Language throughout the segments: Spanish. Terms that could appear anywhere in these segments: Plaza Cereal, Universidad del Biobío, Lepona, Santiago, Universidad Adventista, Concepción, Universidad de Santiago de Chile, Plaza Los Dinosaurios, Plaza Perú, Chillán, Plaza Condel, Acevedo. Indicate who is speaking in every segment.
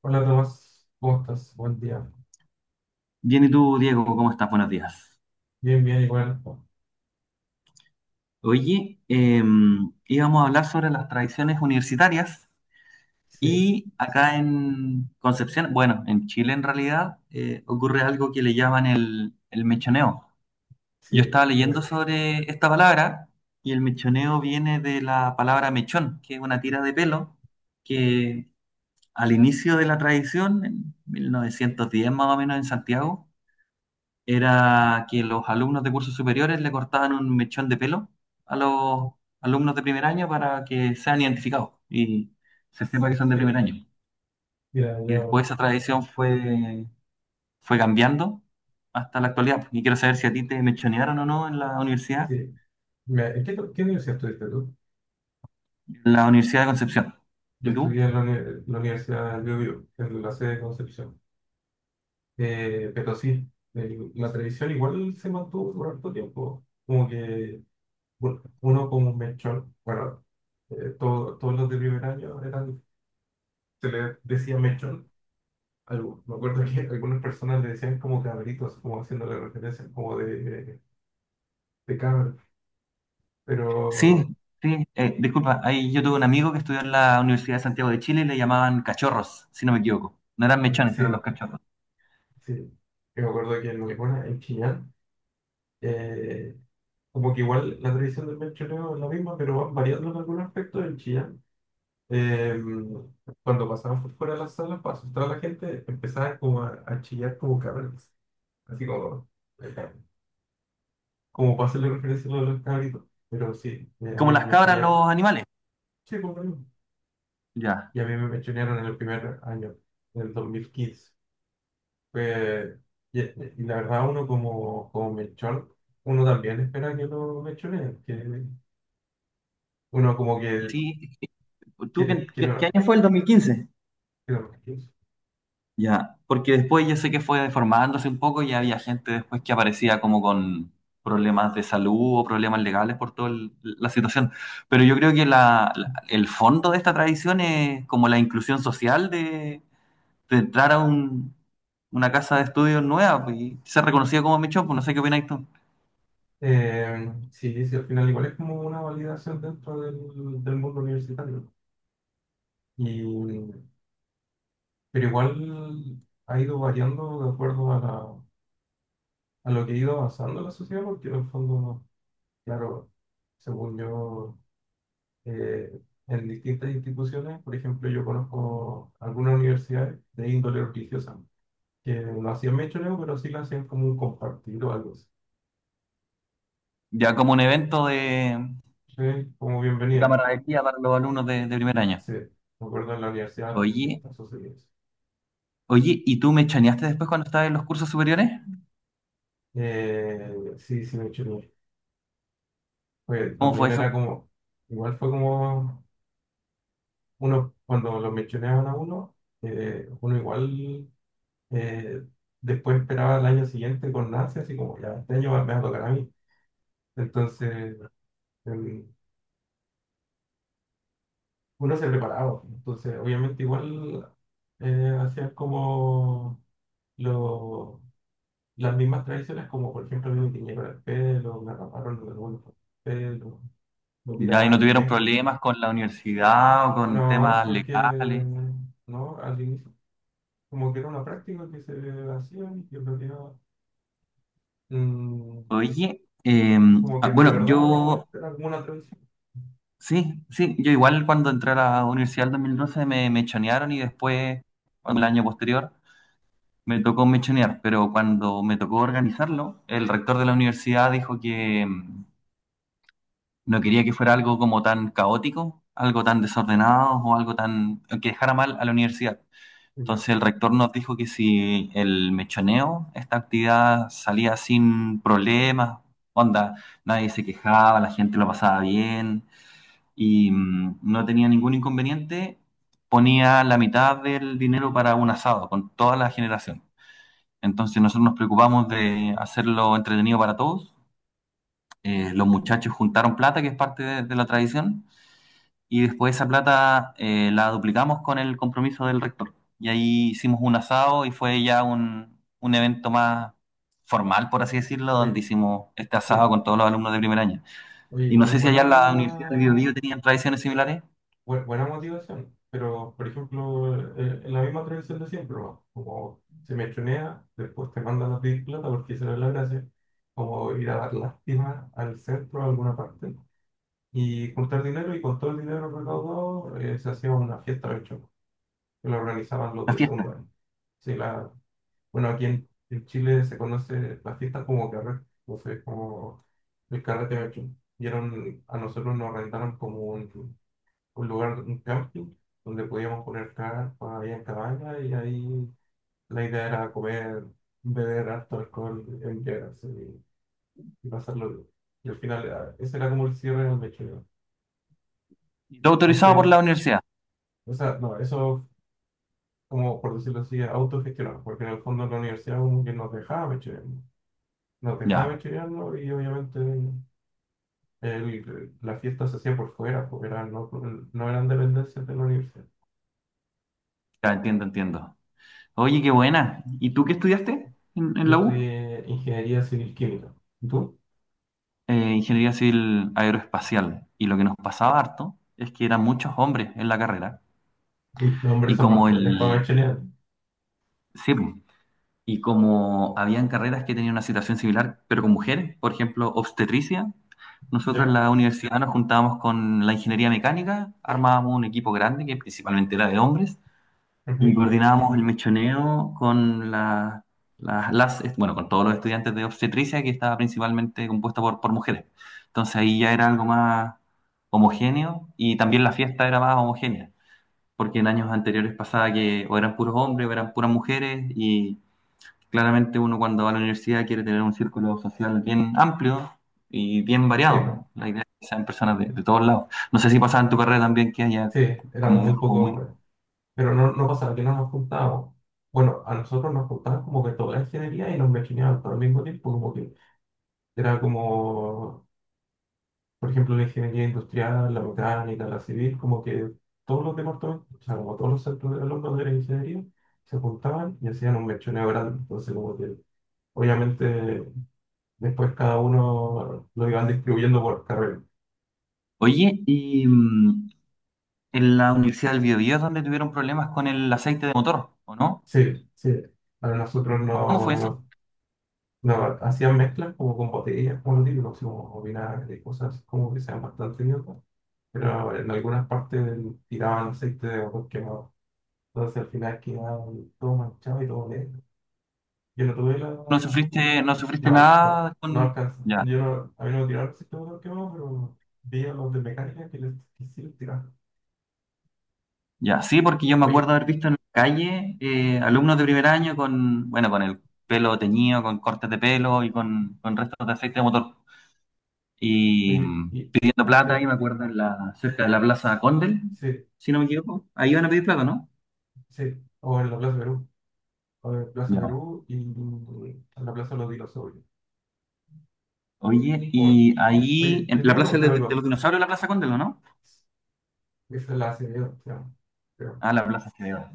Speaker 1: Hola Tomás, ¿cómo estás? Buen día.
Speaker 2: Bien, ¿y tú, Diego? ¿Cómo estás? Buenos días.
Speaker 1: Bien, bien, igual.
Speaker 2: Oye, íbamos a hablar sobre las tradiciones universitarias
Speaker 1: Sí,
Speaker 2: y acá en Concepción, bueno, en Chile en realidad, ocurre algo que le llaman el mechoneo. Yo
Speaker 1: sí,
Speaker 2: estaba leyendo
Speaker 1: bueno,
Speaker 2: sobre esta palabra y el mechoneo viene de la palabra mechón, que es una tira de pelo que al inicio de la tradición, en 1910 más o menos en Santiago, era que los alumnos de cursos superiores le cortaban un mechón de pelo a los alumnos de primer año para que sean identificados y se sepa que son de primer
Speaker 1: sí.
Speaker 2: año.
Speaker 1: Mira,
Speaker 2: Y
Speaker 1: yo,
Speaker 2: después esa tradición fue cambiando hasta la actualidad. Y quiero saber si a ti te mechonearon o no en la universidad,
Speaker 1: sí. Mira, ¿en qué universidad estuviste tú?
Speaker 2: en la Universidad de Concepción.
Speaker 1: Yo
Speaker 2: ¿Y tú?
Speaker 1: estudié en la Universidad del Biobío, en la sede de Concepción. Pero sí, la televisión igual se mantuvo por harto tiempo. Como que bueno, uno como un mechón, bueno, todos los de primer año eran, se les decía mechón. Algo. Me acuerdo que algunas personas le decían como cabritos, como haciéndole referencia, como de, Cameron. Pero
Speaker 2: Sí, sí. Disculpa, ahí yo tuve un amigo que estudió en la Universidad de Santiago de Chile y le llamaban cachorros, si no me equivoco. No eran mechones, eran
Speaker 1: sí,
Speaker 2: los cachorros.
Speaker 1: sí. Yo me acuerdo que en Lepona, en Chillán, eh, como que igual la tradición del mechoneo es la misma, pero van variando en algunos aspectos. En Chillán, eh, cuando pasaban por fuera de las salas para asustar a la gente, empezaban como a chillar como cabros. Así como, eh, como para hacerle referencia a lo de los cabritos. Pero sí, a
Speaker 2: Como
Speaker 1: mí me
Speaker 2: las cabras,
Speaker 1: mechonearon.
Speaker 2: los animales.
Speaker 1: Sí, por lo
Speaker 2: Ya.
Speaker 1: Y a mí me mechonearon en el primer año, en el 2015. Pues, y la verdad, uno como, mechón uno también espera que lo mechoneen, que uno como que
Speaker 2: Sí, ¿tú qué,
Speaker 1: quiere, quiere
Speaker 2: qué
Speaker 1: los-
Speaker 2: año fue el 2015?
Speaker 1: quiere los
Speaker 2: Ya, porque después yo sé que fue deformándose un poco y había gente después que aparecía como con problemas de salud o problemas legales por toda la situación. Pero yo creo que el fondo de esta tradición es como la inclusión social de entrar a una casa de estudios nueva pues, y ser reconocida como mechón, pues no sé qué opinas tú.
Speaker 1: Eh, sí, sí, al final igual es como una validación dentro del mundo universitario. ¿No? Y, pero igual ha ido variando de acuerdo a lo que ha ido avanzando la sociedad, porque en el fondo, claro, según yo. eh, en distintas instituciones. Por ejemplo, yo conozco algunas universidades de índole religiosa que no hacían mechoneo, pero sí lo hacían como un compartir o algo así.
Speaker 2: Ya como un evento de
Speaker 1: Sí, como bienvenida.
Speaker 2: camaradería para los alumnos de primer año.
Speaker 1: Sí, me acuerdo en la Universidad
Speaker 2: Oye,
Speaker 1: Adventista sucedió eso.
Speaker 2: oye, ¿y tú mechoneaste después cuando estabas en los cursos superiores?
Speaker 1: Sí, sí, mechoneé. Pues
Speaker 2: ¿Cómo fue
Speaker 1: también
Speaker 2: eso?
Speaker 1: era como, igual fue como uno, cuando lo mechoneaban a uno, uno igual eh, después esperaba el año siguiente con ansia, así como ya este año me va a tocar a mí. Entonces, em, uno se preparaba. ¿No? Entonces, obviamente igual hacían como lo, las mismas tradiciones, como por ejemplo a mí me tiñeron el pelo, me raparon los algunos pelo, me
Speaker 2: ¿Ya ahí no
Speaker 1: tiraban
Speaker 2: tuvieron
Speaker 1: mes.
Speaker 2: problemas con la universidad o con
Speaker 1: No,
Speaker 2: temas
Speaker 1: porque
Speaker 2: legales?
Speaker 1: no, al inicio, como que era una práctica que se hacía y que en realidad, mm,
Speaker 2: Oye,
Speaker 1: como que
Speaker 2: ah,
Speaker 1: de
Speaker 2: bueno,
Speaker 1: verdad
Speaker 2: yo,
Speaker 1: era como una tradición.
Speaker 2: sí, sí, yo igual cuando entré a la universidad en 2012 me mechonearon y después, cuando el año posterior, me tocó mechonear, pero cuando me tocó organizarlo, el rector de la universidad dijo que no quería que fuera algo como tan caótico, algo tan desordenado o algo tan que dejara mal a la universidad.
Speaker 1: Ya,
Speaker 2: Entonces el rector nos dijo que si el mechoneo, esta actividad salía sin problemas, onda, nadie se quejaba, la gente lo pasaba bien y no tenía ningún inconveniente, ponía la mitad del dinero para un asado con toda la generación. Entonces nosotros nos preocupamos de hacerlo entretenido para todos. Los muchachos juntaron plata, que es parte de la tradición y después esa plata la duplicamos con el compromiso del rector. Y ahí hicimos un asado y fue ya un evento más formal, por así decirlo, donde
Speaker 1: oye,
Speaker 2: hicimos este asado
Speaker 1: sí,
Speaker 2: con todos los alumnos de primer año.
Speaker 1: oye,
Speaker 2: Y no
Speaker 1: igual
Speaker 2: sé si allá en la Universidad de Biobío
Speaker 1: buena
Speaker 2: tenían tradiciones similares,
Speaker 1: buena motivación, pero por ejemplo, en la misma tradición de siempre, ¿no? Como se mechonea, después te mandan a pedir plata porque esa era la gracia, como ir a dar lástima al centro, a alguna parte, y juntar dinero, y con todo el dinero recaudado se hacía una fiesta mechona, que la organizaban los
Speaker 2: las
Speaker 1: de
Speaker 2: fiestas.
Speaker 1: segundo año. Sí, bueno, aquí en, Chile se conoce la fiesta como carrete, entonces como el carrete mechón. Y era a nosotros nos rentaron como un lugar, un camping, donde podíamos poner carpa, había cabaña y ahí la idea era comer, beber harto alcohol en llenas y pasarlo bien. Y al final, ese era como el cierre del mechero.
Speaker 2: Y todo
Speaker 1: A
Speaker 2: autorizado por
Speaker 1: usted,
Speaker 2: la universidad.
Speaker 1: o sea, no, eso, como por decirlo así, autogestionado, porque en el fondo la universidad como que nos dejaba mechorear, nos dejaba
Speaker 2: Ya,
Speaker 1: mechorearnos y obviamente la fiesta se hacía por fuera, porque no, no eran dependencias de la universidad.
Speaker 2: ya entiendo, entiendo. Oye, qué buena. ¿Y tú qué estudiaste en
Speaker 1: Yo
Speaker 2: la U?
Speaker 1: estudié ingeniería civil química. ¿Y tú?
Speaker 2: Ingeniería Civil Aeroespacial. Y lo que nos pasaba harto es que eran muchos hombres en la carrera.
Speaker 1: Sí, los hombres
Speaker 2: Y
Speaker 1: son más
Speaker 2: como
Speaker 1: crueles para
Speaker 2: el,
Speaker 1: machonear.
Speaker 2: sí, y como habían carreras que tenían una situación similar, pero con mujeres, por ejemplo, obstetricia, nosotros en
Speaker 1: ¿Ya?
Speaker 2: la universidad nos juntábamos con la ingeniería mecánica, armábamos un equipo grande que principalmente era de hombres y
Speaker 1: Ujú,
Speaker 2: coordinábamos el mechoneo con las, bueno, con todos los estudiantes de obstetricia que estaba principalmente compuesta por mujeres. Entonces ahí ya era algo más homogéneo y también la fiesta era más homogénea, porque en años anteriores pasaba que o eran puros hombres o eran puras mujeres y claramente uno cuando va a la universidad quiere tener un círculo social bien amplio y bien
Speaker 1: sí,
Speaker 2: variado.
Speaker 1: po.
Speaker 2: La idea es que sean personas de todos lados. No sé si pasaba en tu carrera también que haya
Speaker 1: Sí,
Speaker 2: como
Speaker 1: eran
Speaker 2: un
Speaker 1: muy
Speaker 2: grupo
Speaker 1: pocos
Speaker 2: muy...
Speaker 1: hombres. Pero no, no pasaba que no nos juntábamos. Bueno, a nosotros nos juntaban como que toda la ingeniería y nos machoneaban todo al mismo tiempo. Como que era como, por ejemplo, la ingeniería industrial, la mecánica, la civil, como que todos los departamentos, o sea, como todos los centros de alumnos de la ingeniería, se juntaban y hacían un mechoneo grande. Entonces, como que obviamente después cada uno lo iban distribuyendo por carrera.
Speaker 2: Oye, y en la Universidad del Biobío es donde tuvieron problemas con el aceite de motor, ¿o no?
Speaker 1: Sí, sí. A nosotros
Speaker 2: ¿Cómo fue eso?
Speaker 1: no, no hacían mezclas como con botellas, como lo típico, así como vinagre y cosas como que sean bastante idiotas, pero en algunas partes tiraban aceite de coco quemado. Entonces al final quedaba todo manchado y todo negro. Yo no tuve la.
Speaker 2: ¿No
Speaker 1: No,
Speaker 2: sufriste, no sufriste
Speaker 1: no, no,
Speaker 2: nada
Speaker 1: no
Speaker 2: con...
Speaker 1: alcanzó.
Speaker 2: ya,
Speaker 1: Yo no, a mí no me tiraron aceite de coco quemado, pero vi a los de mecánica que sí les tiraron.
Speaker 2: ya, sí, porque yo me acuerdo
Speaker 1: Oye,
Speaker 2: haber visto en la calle alumnos de primer año con, bueno, con el pelo teñido, con cortes de pelo y con restos de aceite de motor. Y
Speaker 1: oye, y
Speaker 2: pidiendo
Speaker 1: a
Speaker 2: plata, ahí
Speaker 1: usted,
Speaker 2: me acuerdo, en la, cerca de la Plaza Condel,
Speaker 1: sí,
Speaker 2: si no me equivoco. Ahí van a pedir plata, ¿no?
Speaker 1: sí, o en la Plaza Perú. A ver, Plaza
Speaker 2: Ya.
Speaker 1: Perú y a la Plaza Los Dinosaurios.
Speaker 2: Oye,
Speaker 1: Por-
Speaker 2: y ahí,
Speaker 1: Oye,
Speaker 2: en
Speaker 1: yo te
Speaker 2: la
Speaker 1: iba a
Speaker 2: Plaza
Speaker 1: preguntar
Speaker 2: de los
Speaker 1: algo.
Speaker 2: Dinosaurios, la Plaza Condel, ¿o no?
Speaker 1: Esa es la Acevedo, se llama, creo.
Speaker 2: Ah, la Plaza Cereal.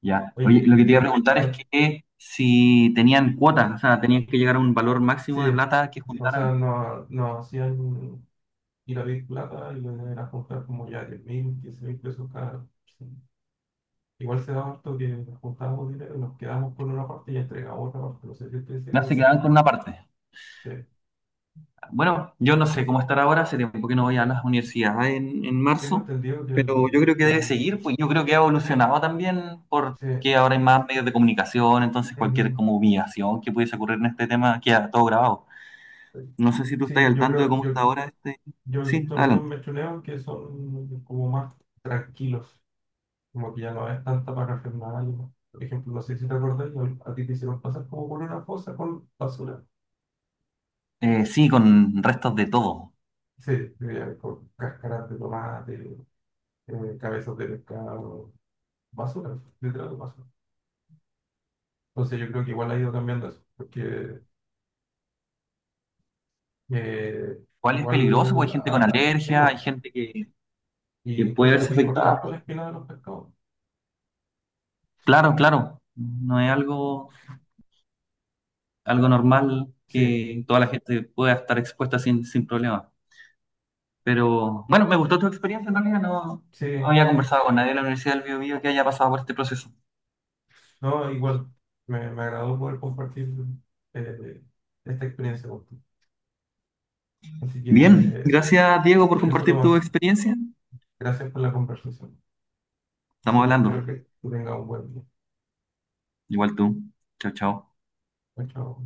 Speaker 2: Ya. Oye,
Speaker 1: Oye,
Speaker 2: lo que te iba a
Speaker 1: yo,
Speaker 2: preguntar es que si tenían cuotas, o sea, tenían que llegar a un valor
Speaker 1: sí,
Speaker 2: máximo de plata que
Speaker 1: o sea,
Speaker 2: juntaran,
Speaker 1: no, no hacían ir a Big Plata y le a juntar como ya 10.000, 15.000 pesos cada. Sí. Igual se da harto que juntábamos dinero y nos quedamos con una parte y entregamos otra parte. No sé si estoy
Speaker 2: ya se
Speaker 1: diciendo.
Speaker 2: quedaban con una parte.
Speaker 1: Sí,
Speaker 2: Bueno, yo no sé cómo estar ahora, hace tiempo que no voy a las universidades en
Speaker 1: tengo
Speaker 2: marzo,
Speaker 1: entendido que,
Speaker 2: pero yo
Speaker 1: el-
Speaker 2: creo que
Speaker 1: que
Speaker 2: debe
Speaker 1: han.
Speaker 2: seguir, pues yo creo que ha evolucionado también
Speaker 1: Sí,
Speaker 2: porque ahora hay más medios de comunicación, entonces cualquier
Speaker 1: ujú.
Speaker 2: como humillación que pudiese ocurrir en este tema queda todo grabado. No sé si tú estás
Speaker 1: Sí,
Speaker 2: al
Speaker 1: yo
Speaker 2: tanto de
Speaker 1: creo,
Speaker 2: cómo
Speaker 1: yo
Speaker 2: está ahora este...
Speaker 1: Yo he
Speaker 2: Sí,
Speaker 1: visto algunos
Speaker 2: adelante.
Speaker 1: mechoneos que son como más tranquilos, como que ya no es tanta parafernalia. Por ejemplo, no sé si te acordás, a ti te hicieron pasar como por una fosa con basura.
Speaker 2: Sí, con restos de todo.
Speaker 1: Sí, con cáscaras de tomate, cabezas de pescado, basura, literal basura. Entonces yo creo que igual ha ido cambiando eso, porque eh,
Speaker 2: ¿Cuál es peligroso? Porque
Speaker 1: igual,
Speaker 2: hay gente con
Speaker 1: sí,
Speaker 2: alergia, hay
Speaker 1: po,
Speaker 2: gente que
Speaker 1: y
Speaker 2: puede
Speaker 1: incluso te
Speaker 2: verse
Speaker 1: puedes cortar
Speaker 2: afectada.
Speaker 1: con la espina de los pescados.
Speaker 2: Claro, claro, no es algo algo normal
Speaker 1: Sí,
Speaker 2: que toda la gente pueda estar expuesta sin, sin problema. Pero bueno, me gustó tu experiencia en realidad, no,
Speaker 1: sí,
Speaker 2: no había conversado con nadie de la Universidad del Bío Bío que haya pasado por este proceso.
Speaker 1: no, igual, me agradó poder compartir eh, esta experiencia contigo. Así
Speaker 2: Bien,
Speaker 1: que
Speaker 2: gracias Diego por
Speaker 1: eso,
Speaker 2: compartir tu
Speaker 1: Tomás.
Speaker 2: experiencia.
Speaker 1: Gracias por la conversación.
Speaker 2: Estamos
Speaker 1: Así que
Speaker 2: hablando.
Speaker 1: espero que tú tengas un buen día.
Speaker 2: Igual tú. Chao, chao.
Speaker 1: Chao, Chao.